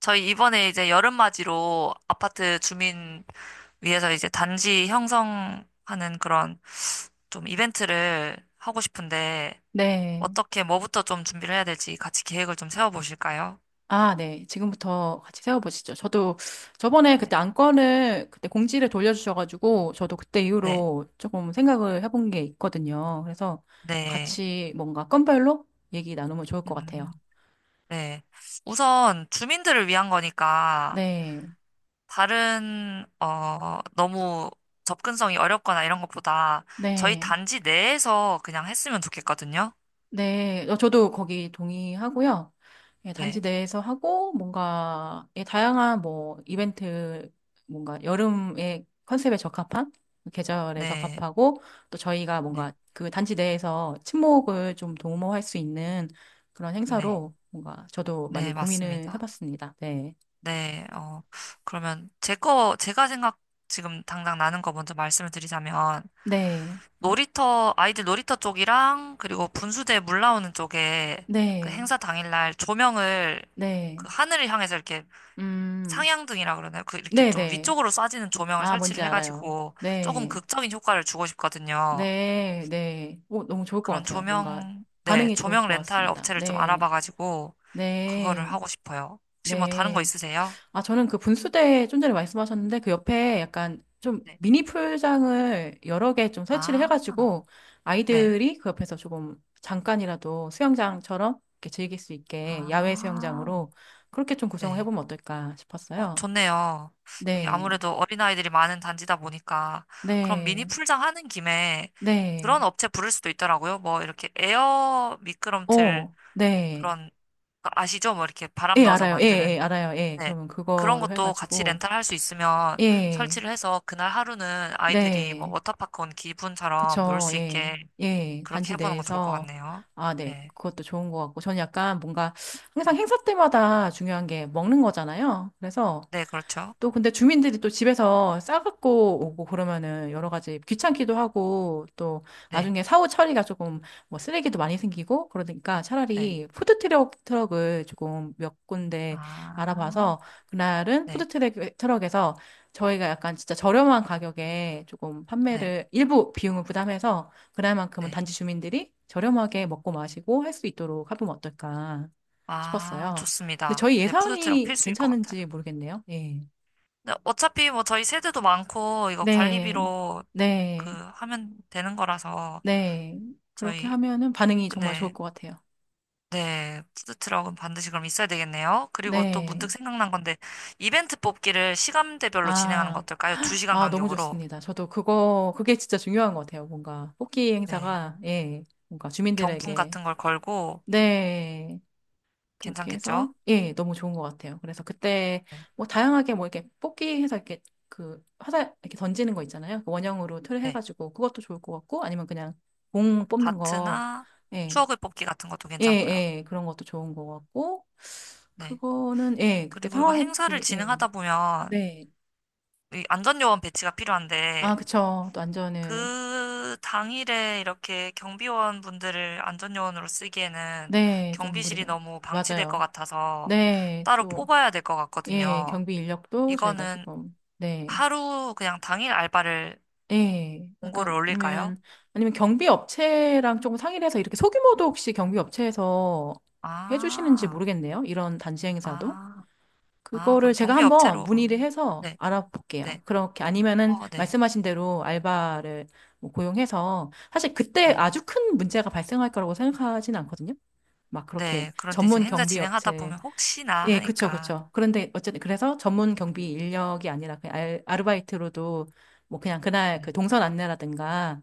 저희 이번에 이제 여름맞이로 아파트 주민 위해서 이제 단지 형성하는 그런 좀 이벤트를 하고 싶은데 네. 어떻게 뭐부터 좀 준비를 해야 될지 같이 계획을 좀 세워보실까요? 아, 네. 지금부터 같이 세워보시죠. 저도 저번에 네, 그때 안건을 그때 공지를 돌려주셔가지고 저도 그때 네, 이후로 조금 생각을 해본 게 있거든요. 그래서 네. 같이 뭔가 건별로 얘기 나누면 좋을 것 같아요. 음, 네. 우선 주민들을 위한 거니까 네. 다른 너무 접근성이 어렵거나 이런 것보다 저희 네. 단지 내에서 그냥 했으면 좋겠거든요. 네, 저도 거기 동의하고요. 예, 단지 네, 내에서 하고 뭔가 예, 다양한 뭐 이벤트 뭔가 여름의 컨셉에 적합한 계절에 네, 적합하고 또 저희가 네, 뭔가 그 단지 내에서 친목을 좀 도모할 수 있는 그런 네, 행사로 뭔가 저도 많이 네, 고민을 맞습니다. 해봤습니다. 네, 네, 그러면 제가 생각 지금 당장 나는 거 먼저 말씀을 드리자면, 네. 네, 아이들 놀이터 쪽이랑, 그리고 분수대 물 나오는 쪽에 그 네, 행사 당일날 조명을 네, 그 하늘을 향해서 이렇게 음, 상향등이라 그러나요? 그 이렇게 네, 좀 네, 위쪽으로 쏴지는 조명을 아 설치를 뭔지 알아요. 해가지고 조금 네. 극적인 효과를 주고 싶거든요. 네, 네. 오, 너무 좋을 것 그런 같아요. 뭔가 조명, 네, 반응이 좋을 조명 것 렌탈 같습니다. 업체를 좀 네, 알아봐가지고 그거를 네, 하고 싶어요. 혹시 뭐 다른 거 네. 있으세요? 아, 저는 그 분수대 좀 전에 말씀하셨는데 그 옆에 약간 좀 네. 미니 풀장을 여러 개 좀 설치를 아, 해가지고 네. 아이들이 그 옆에서 조금 잠깐이라도 수영장처럼 이렇게 즐길 수 있게 야외 아, 수영장으로 그렇게 좀 구성을 네. 해보면 어떨까 어, 싶었어요. 좋네요. 여기 네, 아무래도 어린아이들이 많은 단지다 보니까, 그럼 미니 네, 풀장 하는 김에 네. 그런 업체 부를 수도 있더라고요. 뭐, 이렇게 에어 미끄럼틀 어, 네. 그런, 거 아시죠? 뭐, 이렇게 바람 예, 넣어서 알아요. 예, 만드는. 예, 알아요. 예. 네. 그러면 그런 그거로 것도 같이 해가지고, 렌탈할 수 있으면 예, 설치를 해서 그날 하루는 아이들이 뭐, 네. 워터파크 온 기분처럼 놀 그쵸. 수 예, 있게 예. 그렇게 단지 해보는 거 좋을 것 내에서, 같네요. 아, 네. 네. 그것도 좋은 것 같고, 저는 약간 뭔가 항상 네. 행사 때마다 중요한 게 먹는 거잖아요. 그래서, 네, 그렇죠. 또 근데 주민들이 또 집에서 싸갖고 오고 그러면은 여러 가지 귀찮기도 하고 또 네. 나중에 사후 처리가 조금 뭐 쓰레기도 많이 생기고 그러니까 네. 차라리 푸드트럭 트럭을 조금 몇 군데 아, 알아봐서 그날은 네. 푸드트럭 트럭에서 저희가 약간 진짜 저렴한 가격에 조금 네. 판매를 일부 비용을 부담해서 그날만큼은 네. 단지 주민들이 저렴하게 먹고 마시고 할 수 있도록 하면 어떨까 아, 싶었어요. 근데 좋습니다. 저희 네, 푸드트럭 예산이 필수일 것 같아요. 괜찮은지 모르겠네요. 예. 네, 어차피 뭐 저희 세대도 많고, 이거 네, 관리비로 그 네, 하면 되는 거라서, 네. 그렇게 저희, 하면은 반응이 그 정말 좋을 네, 것 같아요. 네, 푸드트럭은 반드시 그럼 있어야 되겠네요. 그리고 또 문득 네. 생각난 건데, 이벤트 뽑기를 시간대별로 진행하는 거 아, 어떨까요? 두 시간 아, 너무 간격으로. 좋습니다. 저도 그거, 그게 진짜 중요한 것 같아요. 뭔가, 뽑기 네, 행사가, 예, 뭔가 경품 주민들에게, 같은 걸 걸고, 네. 그렇게 괜찮겠죠? 해서, 예, 너무 좋은 것 같아요. 그래서 그때, 네, 뭐, 다양하게 뭐, 이렇게 뽑기 해서 이렇게, 그, 화살, 이렇게 던지는 거 있잖아요. 그 원형으로 틀 네. 해가지고, 그것도 좋을 것 같고, 아니면 그냥 공 뽑는 거, 다트나 예. 추억의 뽑기 같은 것도 예, 괜찮고요. 예, 그런 것도 좋은 것 같고, 네. 그거는, 예, 그때 그리고 이거 상황이, 행사를 그, 예, 진행하다 보면, 네. 이 안전요원 배치가 아, 필요한데 그쵸. 또 안전을, 그 당일에 이렇게 경비원 분들을 안전요원으로 쓰기에는 네, 좀 경비실이 무리가, 너무 방치될 것 맞아요. 같아서 네, 따로 또, 뽑아야 될 것 예, 같거든요. 경비 인력도 저희가 이거는 조금, 네, 하루 그냥 당일 알바를 예, 공고를 약간, 올릴까요? 아니면, 아니면 경비 업체랑 조금 상의를 해서 이렇게 소규모도 혹시 경비 업체에서 해주시는지 아, 모르겠네요. 이런 단지 행사도. 아, 아, 그거를 그럼 제가 경비 한번 업체로 어, 문의를 해서 네, 알아볼게요. 네, 그렇게 아니면은 어, 네, 말씀하신 대로 알바를 뭐 고용해서 사실 그때 네, 아주 큰 문제가 발생할 거라고 생각하진 않거든요. 막 그렇게 네. 그런데 이제 전문 행사 경비 진행하다 업체 보면 혹시나 예, 그쵸, 하니까 그쵸. 그런데 어쨌든 그래서 전문 경비 인력이 아니라 그냥 아르바이트로도 뭐 그냥 그날 네, 그 동선 안내라든가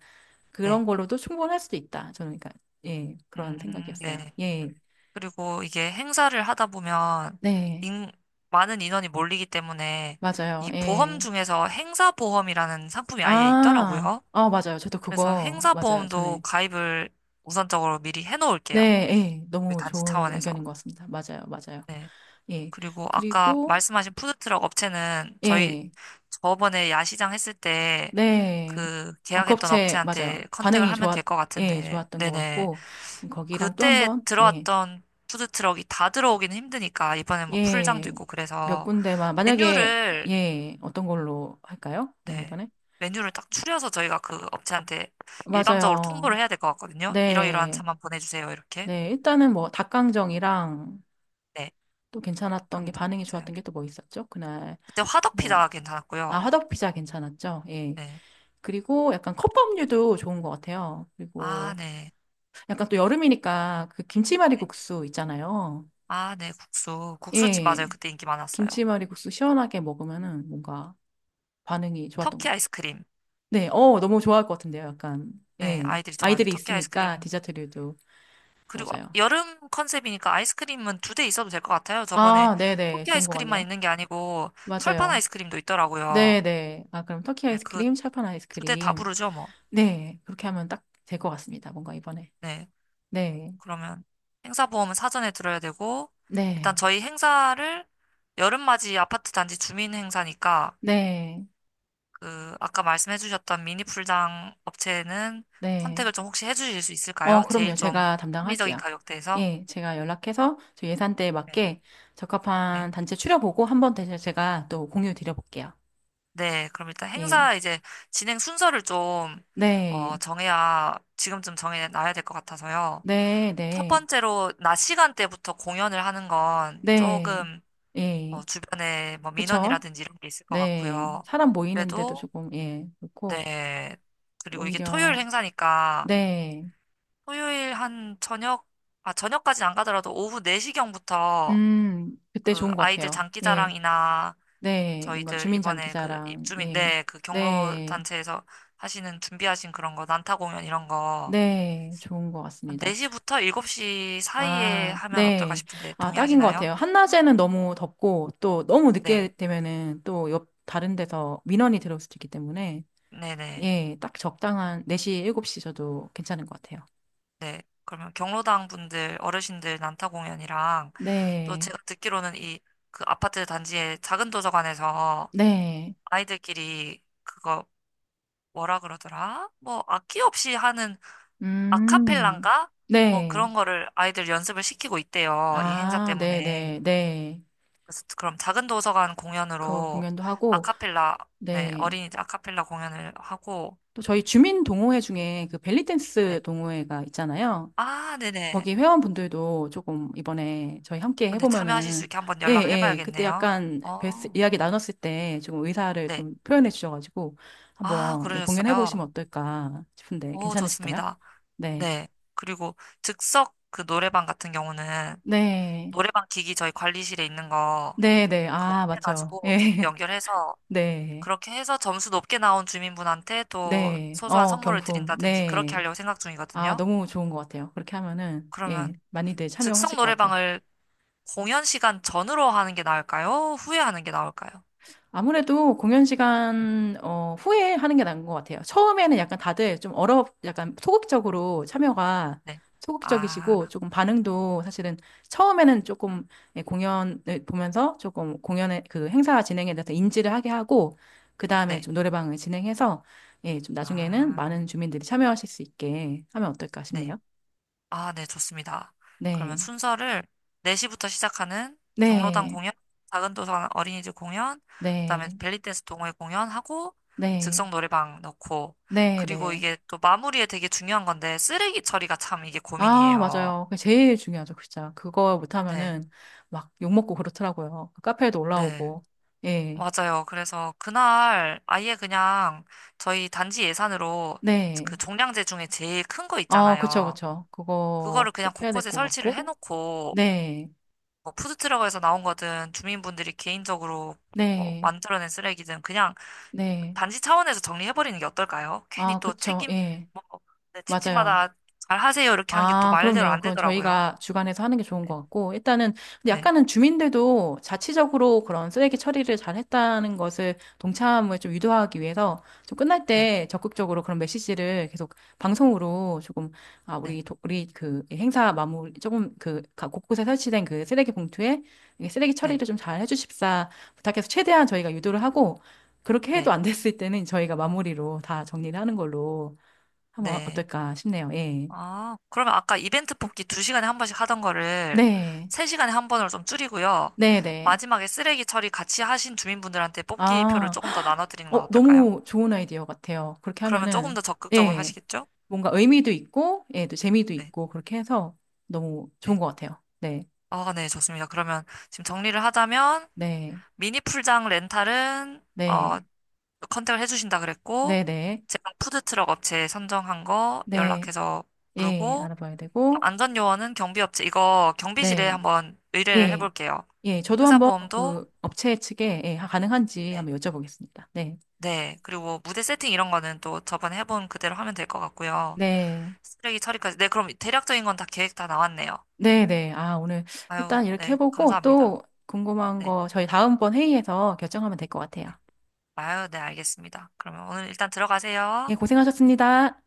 네, 그런 걸로도 충분할 수도 있다. 저는 그러니까 예, 그런 생각이었어요. 네. 예. 그리고 이게 행사를 하다 보면 네. 인- 많은 인원이 몰리기 때문에 맞아요. 이 보험 예. 중에서 행사보험이라는 상품이 아예 아, 있더라고요. 아, 맞아요. 저도 그래서 그거, 맞아요. 행사보험도 전에. 가입을 우선적으로 미리 해놓을게요. 네, 예, 우리 너무 단지 좋은 차원에서. 의견인 것 같습니다. 맞아요, 맞아요. 예. 그리고 아까 그리고, 말씀하신 푸드트럭 업체는 저희 예, 저번에 야시장 했을 때 네. 그 아, 그 계약했던 업체, 맞아요. 업체한테 컨택을 반응이 하면 좋았, 될 것 예, 같은데, 좋았던 것 네네. 같고, 거기랑 또 한 그때 번, 예, 들어왔던 푸드트럭이 다 들어오기는 힘드니까 이번에 뭐 풀장도 예, 있고 몇 그래서 군데만, 만약에, 메뉴를 예, 어떤 걸로 할까요? 그럼 네 이번에? 메뉴를 딱 추려서 저희가 그 업체한테 일방적으로 맞아요. 통보를 해야 될 것 같거든요. 이러이러한 네, 차만 보내주세요 이렇게 네. 일단은 뭐, 닭강정이랑 네 또 괜찮았던 게, 닭강정 반응이 맞아요. 좋았던 게 또 뭐 있었죠? 그날. 그때 뭐 화덕피자 아, 괜찮았고요. 화덕 피자 괜찮았죠? 예. 네 그리고 약간 컵밥류도 좋은 것 같아요. 아 그리고 네 약간 또 여름이니까 그 네. 김치말이국수 있잖아요. 아네 국수집 맞아요. 예. 그때 인기 많았어요. 김치말이국수 시원하게 먹으면은 뭔가 반응이 좋았던 터키 것 같아요. 아이스크림 네. 어, 너무 좋아할 것 같은데요. 약간. 네 예. 아이들이 좋아하죠. 아이들이 터키 있으니까 아이스크림 디저트류도. 그리고 맞아요. 여름 컨셉이니까 아이스크림은 두 대 있어도 될 것 같아요. 저번에 아, 네네. 토끼 좋은 것 아이스크림만 같네요. 있는 게 아니고 철판 맞아요. 아이스크림도 있더라고요. 네네. 아, 그럼 터키 네, 그 아이스크림, 철판 두 대 다 아이스크림. 부르죠, 뭐. 네. 그렇게 하면 딱 될 것 같습니다. 뭔가 이번에. 네. 네. 그러면 행사 보험은 사전에 들어야 되고 일단 네. 저희 행사를 여름맞이 아파트 단지 주민 행사니까 네, 그 아까 말씀해 주셨던 미니 풀장 업체는 네. 컨택을 좀 혹시 해 주실 수 어, 있을까요? 제일 그럼요. 좀 제가 합리적인 담당할게요. 가격대에서. 예, 제가 연락해서 저 예산대에 네. 맞게 적합한 네. 단체 추려보고 한 번 더 제가 또 공유 드려볼게요. 네, 그럼 일단 예. 행사 이제 진행 순서를 좀, 어, 네, 정해야, 지금쯤 정해놔야 될 것 같아서요. 네, 첫 네, 번째로, 낮 시간대부터 공연을 하는 건 네. 조금, 예, 어, 주변에 뭐 그쵸? 민원이라든지 이런 게 있을 것 네. 같고요. 사람 모이는데도 그래도, 조금, 예, 그렇고, 네. 그리고 이게 토요일 오히려, 행사니까, 네. 토요일 한 저녁, 아, 저녁까지는 안 가더라도 오후 4시경부터 그때 그 좋은 것 아이들 같아요. 예, 장기자랑이나 네. 뭔가 저희들 이번에 그 주민장기자랑, 입주민, 예, 네, 그 경로 네, 단체에서 하시는 준비하신 그런 거, 난타 공연 이런 거, 네. 좋은 것 한 같습니다. 4시부터 7시 사이에 아, 하면 어떨까 네. 싶은데 아, 딱인 것 동의하시나요? 같아요. 한낮에는 너무 덥고, 또 너무 네, 늦게 되면은 또 옆, 다른 데서 민원이 들어올 수도 있기 때문에, 네네, 예, 딱 적당한 4시, 7시 저도 괜찮은 것 같아요. 네. 그러면 경로당 분들, 어르신들 난타 공연이랑 또 네. 제가 듣기로는 이 그 아파트 단지의 작은 도서관에서 네. 아이들끼리 그거 뭐라 그러더라? 뭐 악기 없이 하는 음. 아카펠라인가? 뭐 네. 그런 거를 아이들 연습을 시키고 있대요. 이 행사 아, 때문에. 네네. 네. 그래서 그럼 작은 도서관 그 공연으로 공연도 하고, 아카펠라, 네, 네. 어린이들 아카펠라 공연을 하고, 또 저희 주민 동호회 중에 그 벨리 네. 댄스 동호회가 있잖아요. 아, 네네. 거기 회원분들도 조금 이번에 저희 함께 네, 참여하실 수 해보면은, 있게 한번 예, 연락을 예, 그때 해봐야겠네요. 약간 어, 이야기 나눴을 때 조금 의사를 네. 좀 표현해 주셔가지고 아, 한번 예, 그러셨어요. 공연해보시면 어떨까 싶은데 오, 괜찮으실까요? 좋습니다. 네. 네. 그리고 즉석 그 노래방 같은 경우는 네. 노래방 기기 저희 관리실에 있는 거 네, 네. 그거 아, 맞죠. 빼가지고 예. 연결해서 네. 그렇게 해서 점수 높게 나온 주민분한테 또 네. 소소한 어, 선물을 경품. 드린다든지 그렇게 네. 하려고 생각 아, 중이거든요. 너무 좋은 것 같아요. 그렇게 하면은, 예, 그러면 많이들 즉석 참여하실 것 같아요. 노래방을 공연 시간 전으로 하는 게 나을까요? 후에 하는 게 나을까요? 아무래도 공연 시간 후에 하는 게 나은 것 같아요. 처음에는 약간 다들 좀 약간 소극적으로 참여가 네. 아, 소극적이시고 조금 반응도 사실은 처음에는 조금 예, 공연을 보면서 조금 공연의 그 행사 진행에 대해서 인지를 하게 하고 그 다음에 네. 좀 노래방을 진행해서 예, 좀 나중에는 아, 많은 주민들이 참여하실 수 있게 하면 어떨까 싶네요. 네. 아, 네, 좋습니다. 그러면 네, 순서를 4시부터 시작하는 경로당 네, 공연, 작은 도서관 어린이집 공연, 그다음에 네, 벨리댄스 동호회 공연하고 네, 즉석 노래방 넣고 네, 그리고 네. 이게 또 마무리에 되게 중요한 건데 쓰레기 처리가 참 이게 아, 고민이에요. 맞아요. 그게 제일 중요하죠, 진짜. 그거 네, 못하면은 막 욕먹고 그렇더라고요. 그 카페에도 네. 올라오고. 예. 맞아요. 그래서 그날 아예 그냥 저희 단지 예산으로 그 네. 종량제 중에 제일 큰 거 어, 그쵸, 있잖아요. 그쵸. 그거 그거를 그냥 꼭 해야 될 곳곳에 것 설치를 같고. 해놓고 네. 뭐 푸드트럭에서 나온 거든 주민분들이 개인적으로 뭐 네. 만들어낸 쓰레기든 그냥 네. 단지 차원에서 정리해버리는 게 어떨까요? 괜히 아, 또 그쵸. 책임 예. 뭐 네, 맞아요. 집집마다 잘 하세요 이렇게 하는 게 또 아, 말대로 그럼요. 안 그건 되더라고요. 저희가 주관해서 하는 게 좋은 것 같고, 일단은, 근데 네, 약간은 주민들도 자치적으로 그런 쓰레기 처리를 잘 했다는 것을 동참을 좀 유도하기 위해서 좀 끝날 네, 때 적극적으로 그런 메시지를 계속 방송으로 조금, 아, 네, 우리 그 행사 마무리, 조금 그 각 곳곳에 설치된 그 쓰레기 봉투에 이 쓰레기 네, 처리를 좀 잘 해주십사 부탁해서 최대한 저희가 유도를 하고, 그렇게 해도 네, 안 됐을 때는 저희가 마무리로 다 정리를 하는 걸로 하면 네. 어떨까 싶네요. 예. 아, 그러면 아까 이벤트 뽑기 2시간에 한 번씩 하던 거를 네. 3시간에 한 번으로 좀 줄이고요. 네네. 마지막에 쓰레기 처리 같이 하신 주민분들한테 뽑기표를 아, 조금 더 나눠드리는 건 어, 어떨까요? 너무 좋은 아이디어 같아요. 그렇게 그러면 조금 하면은, 더 적극적으로 예, 하시겠죠? 뭔가 의미도 있고, 예, 또 재미도 네. 있고, 그렇게 해서 너무 좋은 네. 것 같아요. 네, 아, 네, 좋습니다. 그러면 지금 정리를 하자면 네, 미니 풀장 렌탈은 네, 컨택을 해주신다 그랬고 네네, 제가 푸드트럭 업체 선정한 거 네, 연락해서 예, 부르고 알아봐야 되고, 안전요원은 경비업체 이거 경비실에 네, 한번 의뢰를 예, 해볼게요. 예, 저도 한번 행사보험도 그 업체 측에, 예, 가능한지 네, 한번 여쭤보겠습니다. 네, 네, 그리고 무대 세팅 이런 거는 또 저번에 해본 그대로 하면 될 것 같고요. 네, 쓰레기 처리까지 네, 그럼 대략적인 건 다 계획 다 나왔네요. 네네. 아, 오늘 아유, 일단 이렇게 네, 해보고 감사합니다. 또 궁금한 네. 거 저희 다음번 회의에서 결정하면 될 것 같아요. 아유, 네, 알겠습니다. 그러면 오늘 일단 들어가세요. 예, 고생하셨습니다.